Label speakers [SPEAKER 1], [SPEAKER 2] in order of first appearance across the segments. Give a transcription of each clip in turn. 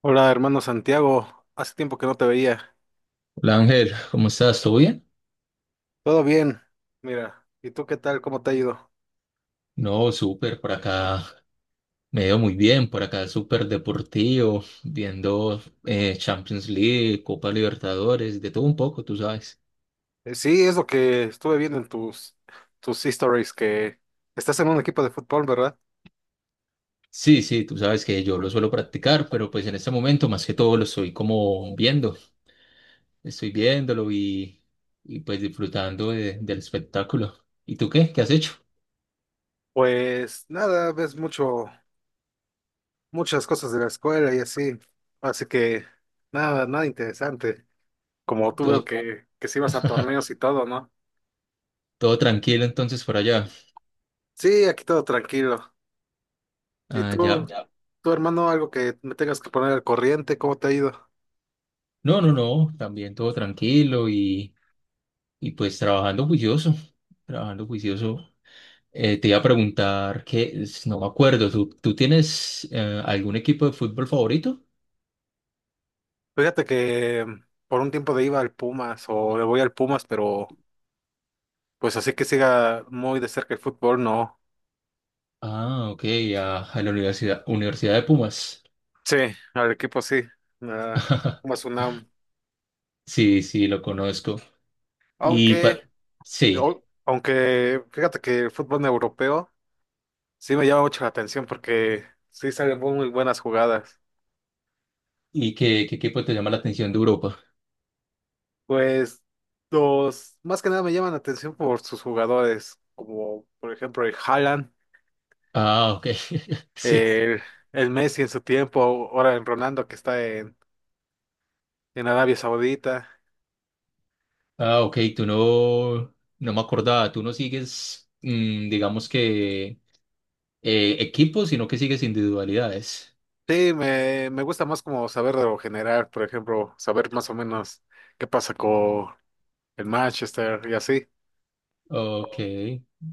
[SPEAKER 1] Hola, hermano Santiago. Hace tiempo que no te veía.
[SPEAKER 2] Hola, Ángel, ¿cómo estás? ¿Todo bien?
[SPEAKER 1] Todo bien. Mira, ¿y tú qué tal? ¿Cómo te ha ido?
[SPEAKER 2] No, súper, por acá me veo muy bien, por acá súper deportivo, viendo Champions League, Copa Libertadores, de todo un poco, tú sabes.
[SPEAKER 1] Sí, es lo que estuve viendo en tus stories, que estás en un equipo de fútbol, ¿verdad?
[SPEAKER 2] Sí, sí, tú sabes que yo lo suelo practicar, pero pues en este momento más que todo lo estoy como viendo, estoy viéndolo y pues disfrutando del espectáculo. ¿Y tú qué? ¿Qué has hecho?
[SPEAKER 1] Pues nada, muchas cosas de la escuela y así. Así que nada interesante. Como tú veo
[SPEAKER 2] Todo,
[SPEAKER 1] que sí vas a torneos y todo, ¿no?
[SPEAKER 2] todo tranquilo entonces por allá.
[SPEAKER 1] Sí, aquí todo tranquilo. ¿Y
[SPEAKER 2] Ah, ya.
[SPEAKER 1] tu hermano, algo que me tengas que poner al corriente? ¿Cómo te ha ido?
[SPEAKER 2] No, no, no, también todo tranquilo. Y pues trabajando juicioso, trabajando juicioso. Te iba a preguntar que no me acuerdo, ¿tú tienes algún equipo de fútbol favorito?
[SPEAKER 1] Fíjate que por un tiempo de iba al Pumas o le voy al Pumas, pero pues así que siga muy de cerca el fútbol, no.
[SPEAKER 2] Ah, ok, a la Universidad, de Pumas.
[SPEAKER 1] Sí, al equipo sí, ah, Pumas UNAM.
[SPEAKER 2] Sí, sí, lo conozco. Y pa-
[SPEAKER 1] Aunque,
[SPEAKER 2] sí,
[SPEAKER 1] Aunque fíjate que el fútbol europeo sí me llama mucho la atención porque sí salen muy buenas jugadas.
[SPEAKER 2] ¿y qué equipo te llama la atención de Europa?
[SPEAKER 1] Pues los más que nada me llaman la atención por sus jugadores, como por ejemplo el Haaland,
[SPEAKER 2] Ah, ok, sí.
[SPEAKER 1] el, el Messi en su tiempo, ahora el Ronaldo que está en Arabia Saudita.
[SPEAKER 2] Ah, ok, tú no me acordaba, tú no sigues, digamos que equipos, sino que sigues individualidades.
[SPEAKER 1] Sí, me gusta más como saber de lo general, por ejemplo, saber más o menos qué pasa con el Manchester y así.
[SPEAKER 2] Ok,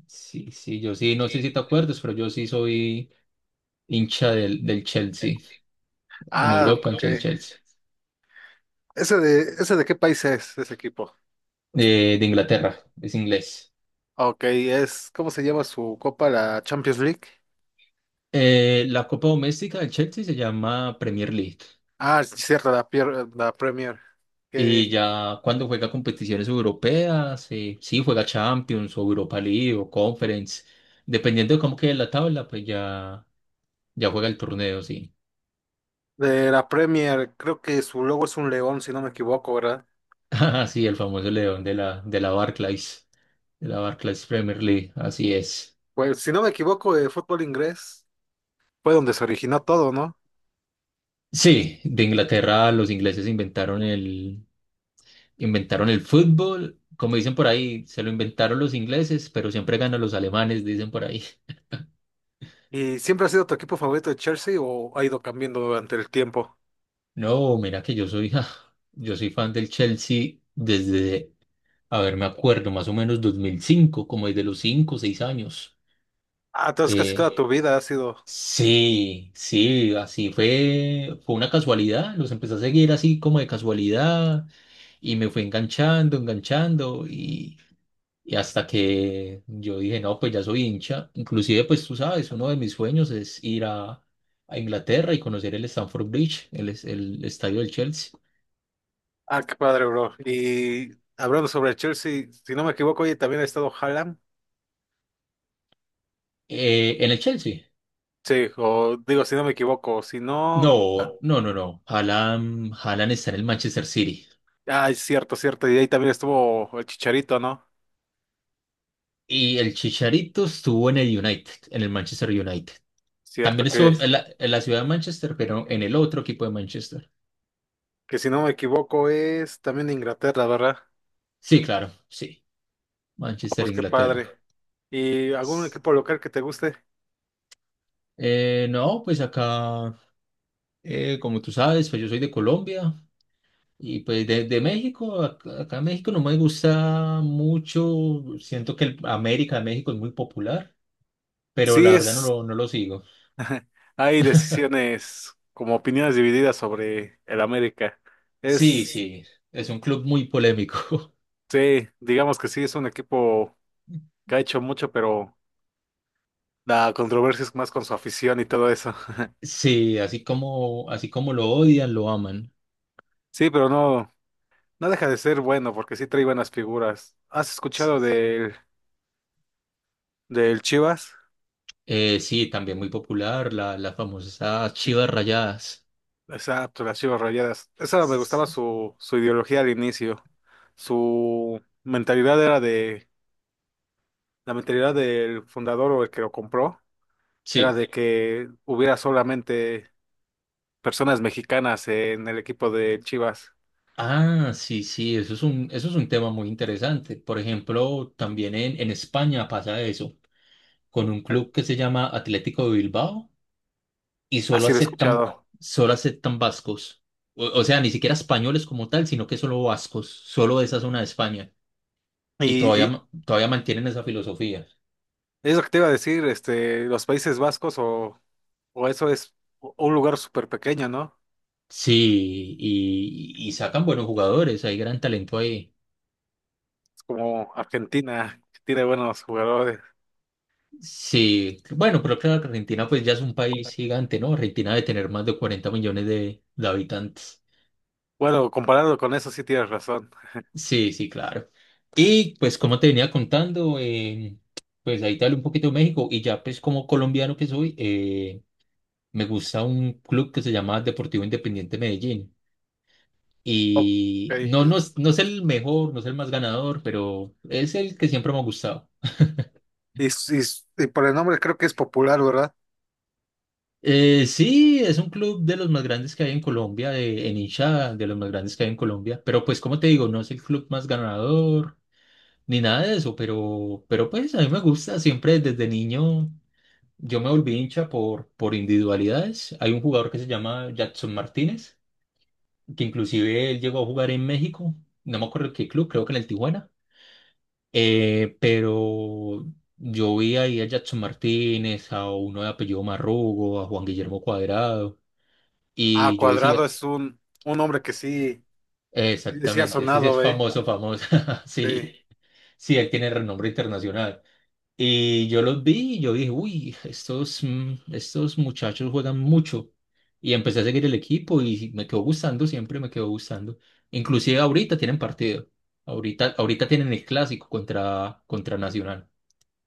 [SPEAKER 2] sí, sí, yo sí, no sé si te acuerdas, pero yo sí soy hincha del Chelsea, en
[SPEAKER 1] Ah,
[SPEAKER 2] Europa,
[SPEAKER 1] ok.
[SPEAKER 2] hincha del Chelsea,
[SPEAKER 1] ¿Ese ese de qué país es ese equipo?
[SPEAKER 2] de Inglaterra, es inglés.
[SPEAKER 1] Ok, ¿cómo se llama su copa? La Champions League.
[SPEAKER 2] La Copa Doméstica del Chelsea se llama Premier League,
[SPEAKER 1] Ah, sí, cierto, la Premier.
[SPEAKER 2] y
[SPEAKER 1] Que
[SPEAKER 2] ya cuando juega competiciones europeas, sí, juega Champions o Europa League o Conference, dependiendo de cómo quede la tabla, pues ya, ya juega el torneo, sí.
[SPEAKER 1] De la Premier, creo que su logo es un león, si no me equivoco, ¿verdad?
[SPEAKER 2] Ah, sí, el famoso león de la, Barclays, de la Barclays Premier League, así es.
[SPEAKER 1] Pues si no me equivoco, el fútbol inglés fue donde se originó todo, ¿no?
[SPEAKER 2] Sí, de Inglaterra, los ingleses inventaron el fútbol. Como dicen por ahí, se lo inventaron los ingleses, pero siempre ganan los alemanes, dicen por ahí.
[SPEAKER 1] ¿Y siempre ha sido tu equipo favorito de Chelsea o ha ido cambiando durante el tiempo?
[SPEAKER 2] No, mira que yo soy fan del Chelsea desde, a ver, me acuerdo, más o menos 2005, como desde los 5, o 6 años.
[SPEAKER 1] Ah, entonces casi toda
[SPEAKER 2] Eh,
[SPEAKER 1] tu vida ha sido.
[SPEAKER 2] sí, sí, así fue, fue una casualidad. Los empecé a seguir así como de casualidad y me fue enganchando, enganchando. Y hasta que yo dije, no, pues ya soy hincha. Inclusive, pues tú sabes, uno de mis sueños es ir a Inglaterra y conocer el Stamford Bridge, el estadio del Chelsea.
[SPEAKER 1] Ah, qué padre, bro. Y hablando sobre Chelsea, si no me equivoco, oye, también ha estado Haaland.
[SPEAKER 2] ¿En el Chelsea?
[SPEAKER 1] Sí, o digo, si no me equivoco, si no.
[SPEAKER 2] No, no, no, no. Haaland, está en el Manchester City.
[SPEAKER 1] Ah, es cierto, cierto. Y ahí también estuvo el Chicharito, ¿no?
[SPEAKER 2] Y el Chicharito estuvo en el United, en el Manchester United.
[SPEAKER 1] Cierto
[SPEAKER 2] También
[SPEAKER 1] que,
[SPEAKER 2] estuvo en la ciudad de Manchester, pero en el otro equipo de Manchester.
[SPEAKER 1] que si no me equivoco, es también de Inglaterra, ¿verdad?
[SPEAKER 2] Sí, claro, sí. Manchester,
[SPEAKER 1] Pues qué
[SPEAKER 2] Inglaterra.
[SPEAKER 1] padre. ¿Y algún equipo local que te guste?
[SPEAKER 2] No, pues acá. Como tú sabes, pues yo soy de Colombia y pues de México, acá, en México no me gusta mucho, siento que el América de México es muy popular, pero
[SPEAKER 1] Sí,
[SPEAKER 2] la verdad no
[SPEAKER 1] es.
[SPEAKER 2] lo, no lo sigo.
[SPEAKER 1] Hay decisiones como opiniones divididas sobre el América.
[SPEAKER 2] Sí,
[SPEAKER 1] Es,
[SPEAKER 2] sí, es un club muy polémico.
[SPEAKER 1] sí, digamos que sí, es un equipo que ha hecho mucho, pero la controversia es más con su afición y todo eso.
[SPEAKER 2] Sí, así como lo odian, lo aman.
[SPEAKER 1] Sí, pero no, no deja de ser bueno porque sí trae buenas figuras. ¿Has
[SPEAKER 2] S-
[SPEAKER 1] escuchado del Chivas?
[SPEAKER 2] sí, también muy popular, las famosas chivas rayadas.
[SPEAKER 1] Exacto, las Chivas Rayadas. Esa me
[SPEAKER 2] S-
[SPEAKER 1] gustaba su ideología al inicio. Su mentalidad era de, La mentalidad del fundador o el que lo compró. Era
[SPEAKER 2] Sí.
[SPEAKER 1] de que hubiera solamente personas mexicanas en el equipo de Chivas.
[SPEAKER 2] Ah, sí, sí, eso es un tema muy interesante. Por ejemplo, también en España pasa eso, con un club que se llama Atlético de Bilbao y
[SPEAKER 1] Así lo he escuchado.
[SPEAKER 2] solo aceptan vascos. O sea, ni siquiera españoles como tal, sino que solo vascos, solo de esa zona de España. Y
[SPEAKER 1] Y,
[SPEAKER 2] todavía,
[SPEAKER 1] y
[SPEAKER 2] todavía mantienen esa filosofía.
[SPEAKER 1] es lo que te iba a decir, este, los Países Vascos o eso es un lugar súper pequeño, ¿no?
[SPEAKER 2] Sí, y sacan buenos jugadores, hay gran talento ahí.
[SPEAKER 1] Es como Argentina, que tiene buenos jugadores.
[SPEAKER 2] Sí, bueno, pero claro, que Argentina pues ya es un país gigante, ¿no? Argentina debe tener más de 40 millones de habitantes.
[SPEAKER 1] Bueno, comparado con eso sí tienes razón.
[SPEAKER 2] Sí, sí, claro. Y pues como te venía contando, pues ahí te hablo un poquito de México y ya pues como colombiano que soy, me gusta un club que se llama Deportivo Independiente Medellín. Y no, no,
[SPEAKER 1] Ok.
[SPEAKER 2] no es el mejor, no es el más ganador, pero es el que siempre me ha gustado.
[SPEAKER 1] Y, y- y por el nombre creo que es popular, ¿verdad?
[SPEAKER 2] Sí, es un club de los más grandes que hay en Colombia, de, en hinchada, de los más grandes que hay en Colombia. Pero pues, como te digo, no es el club más ganador ni nada de eso, pero pues a mí me gusta, siempre desde niño yo me volví hincha por individualidades. Hay un jugador que se llama Jackson Martínez, que inclusive él llegó a jugar en México, no me acuerdo en qué club, creo que en el Tijuana. Pero yo vi ahí a Jackson Martínez, a uno de apellido Marrugo, a Juan Guillermo Cuadrado.
[SPEAKER 1] Ah,
[SPEAKER 2] Y yo
[SPEAKER 1] Cuadrado
[SPEAKER 2] decía,
[SPEAKER 1] es un nombre que sí, sí ha
[SPEAKER 2] exactamente, ese sí es
[SPEAKER 1] sonado, ¿eh?
[SPEAKER 2] famoso, famoso. Sí,
[SPEAKER 1] Sí.
[SPEAKER 2] sí, él tiene renombre internacional. Y yo los vi y yo dije, uy, estos muchachos juegan mucho. Y empecé a seguir el equipo y me quedó gustando, siempre me quedó gustando. Inclusive ahorita tienen partido. Ahorita, ahorita tienen el clásico contra Nacional.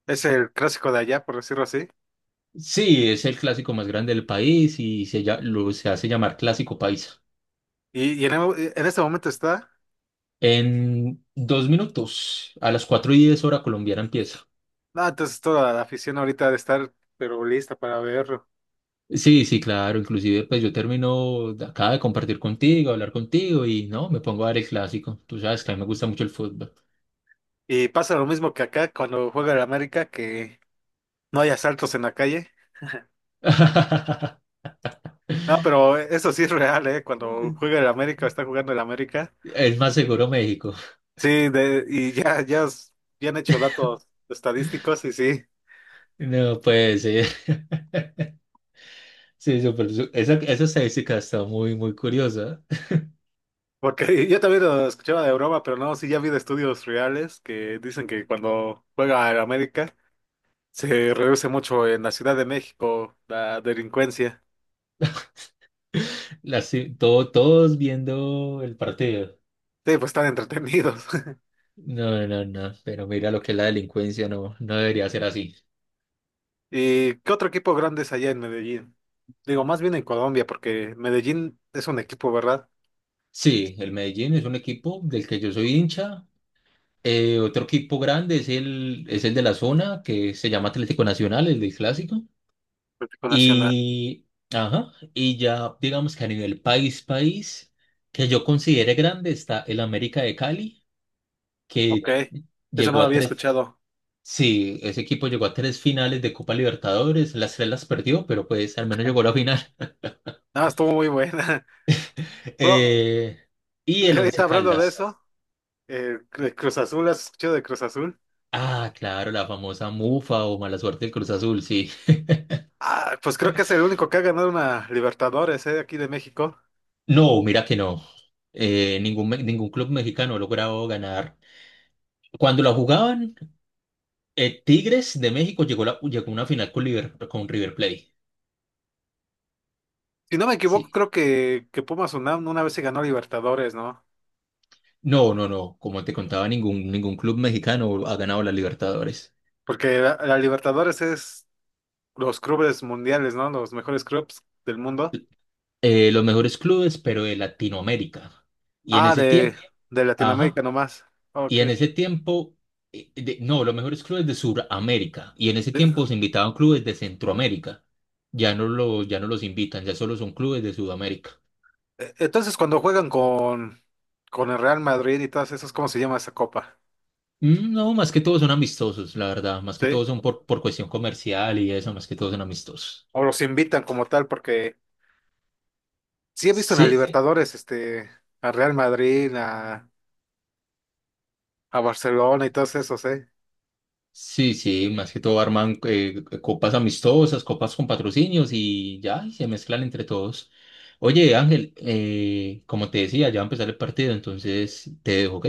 [SPEAKER 1] Es el clásico de allá, por decirlo así.
[SPEAKER 2] Sí, es el clásico más grande del país y se hace llamar Clásico Paisa.
[SPEAKER 1] En este momento está.
[SPEAKER 2] En 2 minutos, a las 4:10 hora colombiana empieza.
[SPEAKER 1] No, entonces toda la afición ahorita de estar, pero lista para verlo.
[SPEAKER 2] Sí, sí, claro, inclusive pues yo termino, acaba de compartir contigo, hablar contigo y no, me pongo a ver el clásico. Tú sabes que a mí me gusta mucho el fútbol.
[SPEAKER 1] Y pasa lo mismo que acá cuando juega el América, que no hay asaltos en la calle. No, pero eso sí es real, ¿eh? Cuando juega el América o está jugando el América.
[SPEAKER 2] Es más seguro México.
[SPEAKER 1] Sí, de, y ya, ya, s- Ya han hecho datos estadísticos y sí.
[SPEAKER 2] No, pues sí, sí, esa, estadística está muy, muy curiosa.
[SPEAKER 1] Porque yo también lo escuchaba de broma, pero no, sí ya vi de estudios reales que dicen que cuando juega el América se reduce mucho en la Ciudad de México la delincuencia.
[SPEAKER 2] Las, todo, todos viendo el partido.
[SPEAKER 1] Sí, pues están entretenidos.
[SPEAKER 2] No, no, no, pero mira lo que es la delincuencia, no, no debería ser así.
[SPEAKER 1] ¿Y qué otro equipo grande es allá en Medellín? Digo, más bien en Colombia, porque Medellín es un equipo, ¿verdad?
[SPEAKER 2] Sí, el Medellín es un equipo del que yo soy hincha. Otro equipo grande es el de la zona, que se llama Atlético Nacional, el del clásico.
[SPEAKER 1] Un equipo nacional.
[SPEAKER 2] Y, ajá, y ya digamos que a nivel país, país, que yo considere grande, está el América de Cali,
[SPEAKER 1] Ok,
[SPEAKER 2] que
[SPEAKER 1] eso no
[SPEAKER 2] llegó
[SPEAKER 1] lo
[SPEAKER 2] a
[SPEAKER 1] había
[SPEAKER 2] tres,
[SPEAKER 1] escuchado.
[SPEAKER 2] sí, ese equipo llegó a tres finales de Copa Libertadores, las tres las perdió, pero pues al menos llegó a la final.
[SPEAKER 1] Ah, estuvo muy buena. Bro,
[SPEAKER 2] Eh, y el
[SPEAKER 1] ahorita
[SPEAKER 2] Once
[SPEAKER 1] hablando de
[SPEAKER 2] Caldas.
[SPEAKER 1] eso, de Cruz Azul, ¿has escuchado de Cruz Azul?
[SPEAKER 2] Ah, claro, la famosa mufa o mala suerte del Cruz Azul, sí.
[SPEAKER 1] Ah, pues creo que es el único que ha ganado una Libertadores, aquí de México.
[SPEAKER 2] No, mira que no. Ningún, ningún club mexicano ha logrado ganar. Cuando la jugaban, Tigres de México llegó a una final con River Plate.
[SPEAKER 1] Si no me equivoco,
[SPEAKER 2] Sí.
[SPEAKER 1] creo que Pumas UNAM una vez se ganó Libertadores, ¿no?
[SPEAKER 2] No, no, no. Como te contaba, ningún club mexicano ha ganado la Libertadores.
[SPEAKER 1] Porque la Libertadores es los clubes mundiales, ¿no? Los mejores clubes del mundo.
[SPEAKER 2] Los mejores clubes, pero de Latinoamérica. Y en
[SPEAKER 1] Ah,
[SPEAKER 2] ese
[SPEAKER 1] de,
[SPEAKER 2] tiempo,
[SPEAKER 1] de Latinoamérica
[SPEAKER 2] ajá.
[SPEAKER 1] nomás.
[SPEAKER 2] Y
[SPEAKER 1] Ok.
[SPEAKER 2] en ese tiempo, no, los mejores clubes de Sudamérica. Y en ese tiempo
[SPEAKER 1] De-
[SPEAKER 2] se invitaban clubes de Centroamérica. Ya no lo, ya no los invitan, ya solo son clubes de Sudamérica.
[SPEAKER 1] entonces, cuando juegan con el Real Madrid y todas esas, ¿cómo se llama esa copa?
[SPEAKER 2] Mm, no, más que todos son amistosos, la verdad. Más que
[SPEAKER 1] ¿Sí?
[SPEAKER 2] todos son por cuestión comercial y eso, más que todos son amistosos.
[SPEAKER 1] O los invitan como tal, porque sí he visto en la
[SPEAKER 2] Sí,
[SPEAKER 1] Libertadores, este, a Real Madrid, a Barcelona y todos esos, ¿eh?
[SPEAKER 2] sí, sí, más que todo arman copas amistosas, copas con patrocinios y ya, y se mezclan entre todos. Oye, Ángel, como te decía, ya va a empezar el partido, entonces te dejo, ¿ok?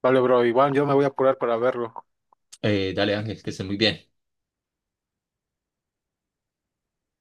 [SPEAKER 1] Vale, bro, igual yo me voy a apurar para verlo.
[SPEAKER 2] Dale, Ángel, que estés muy bien.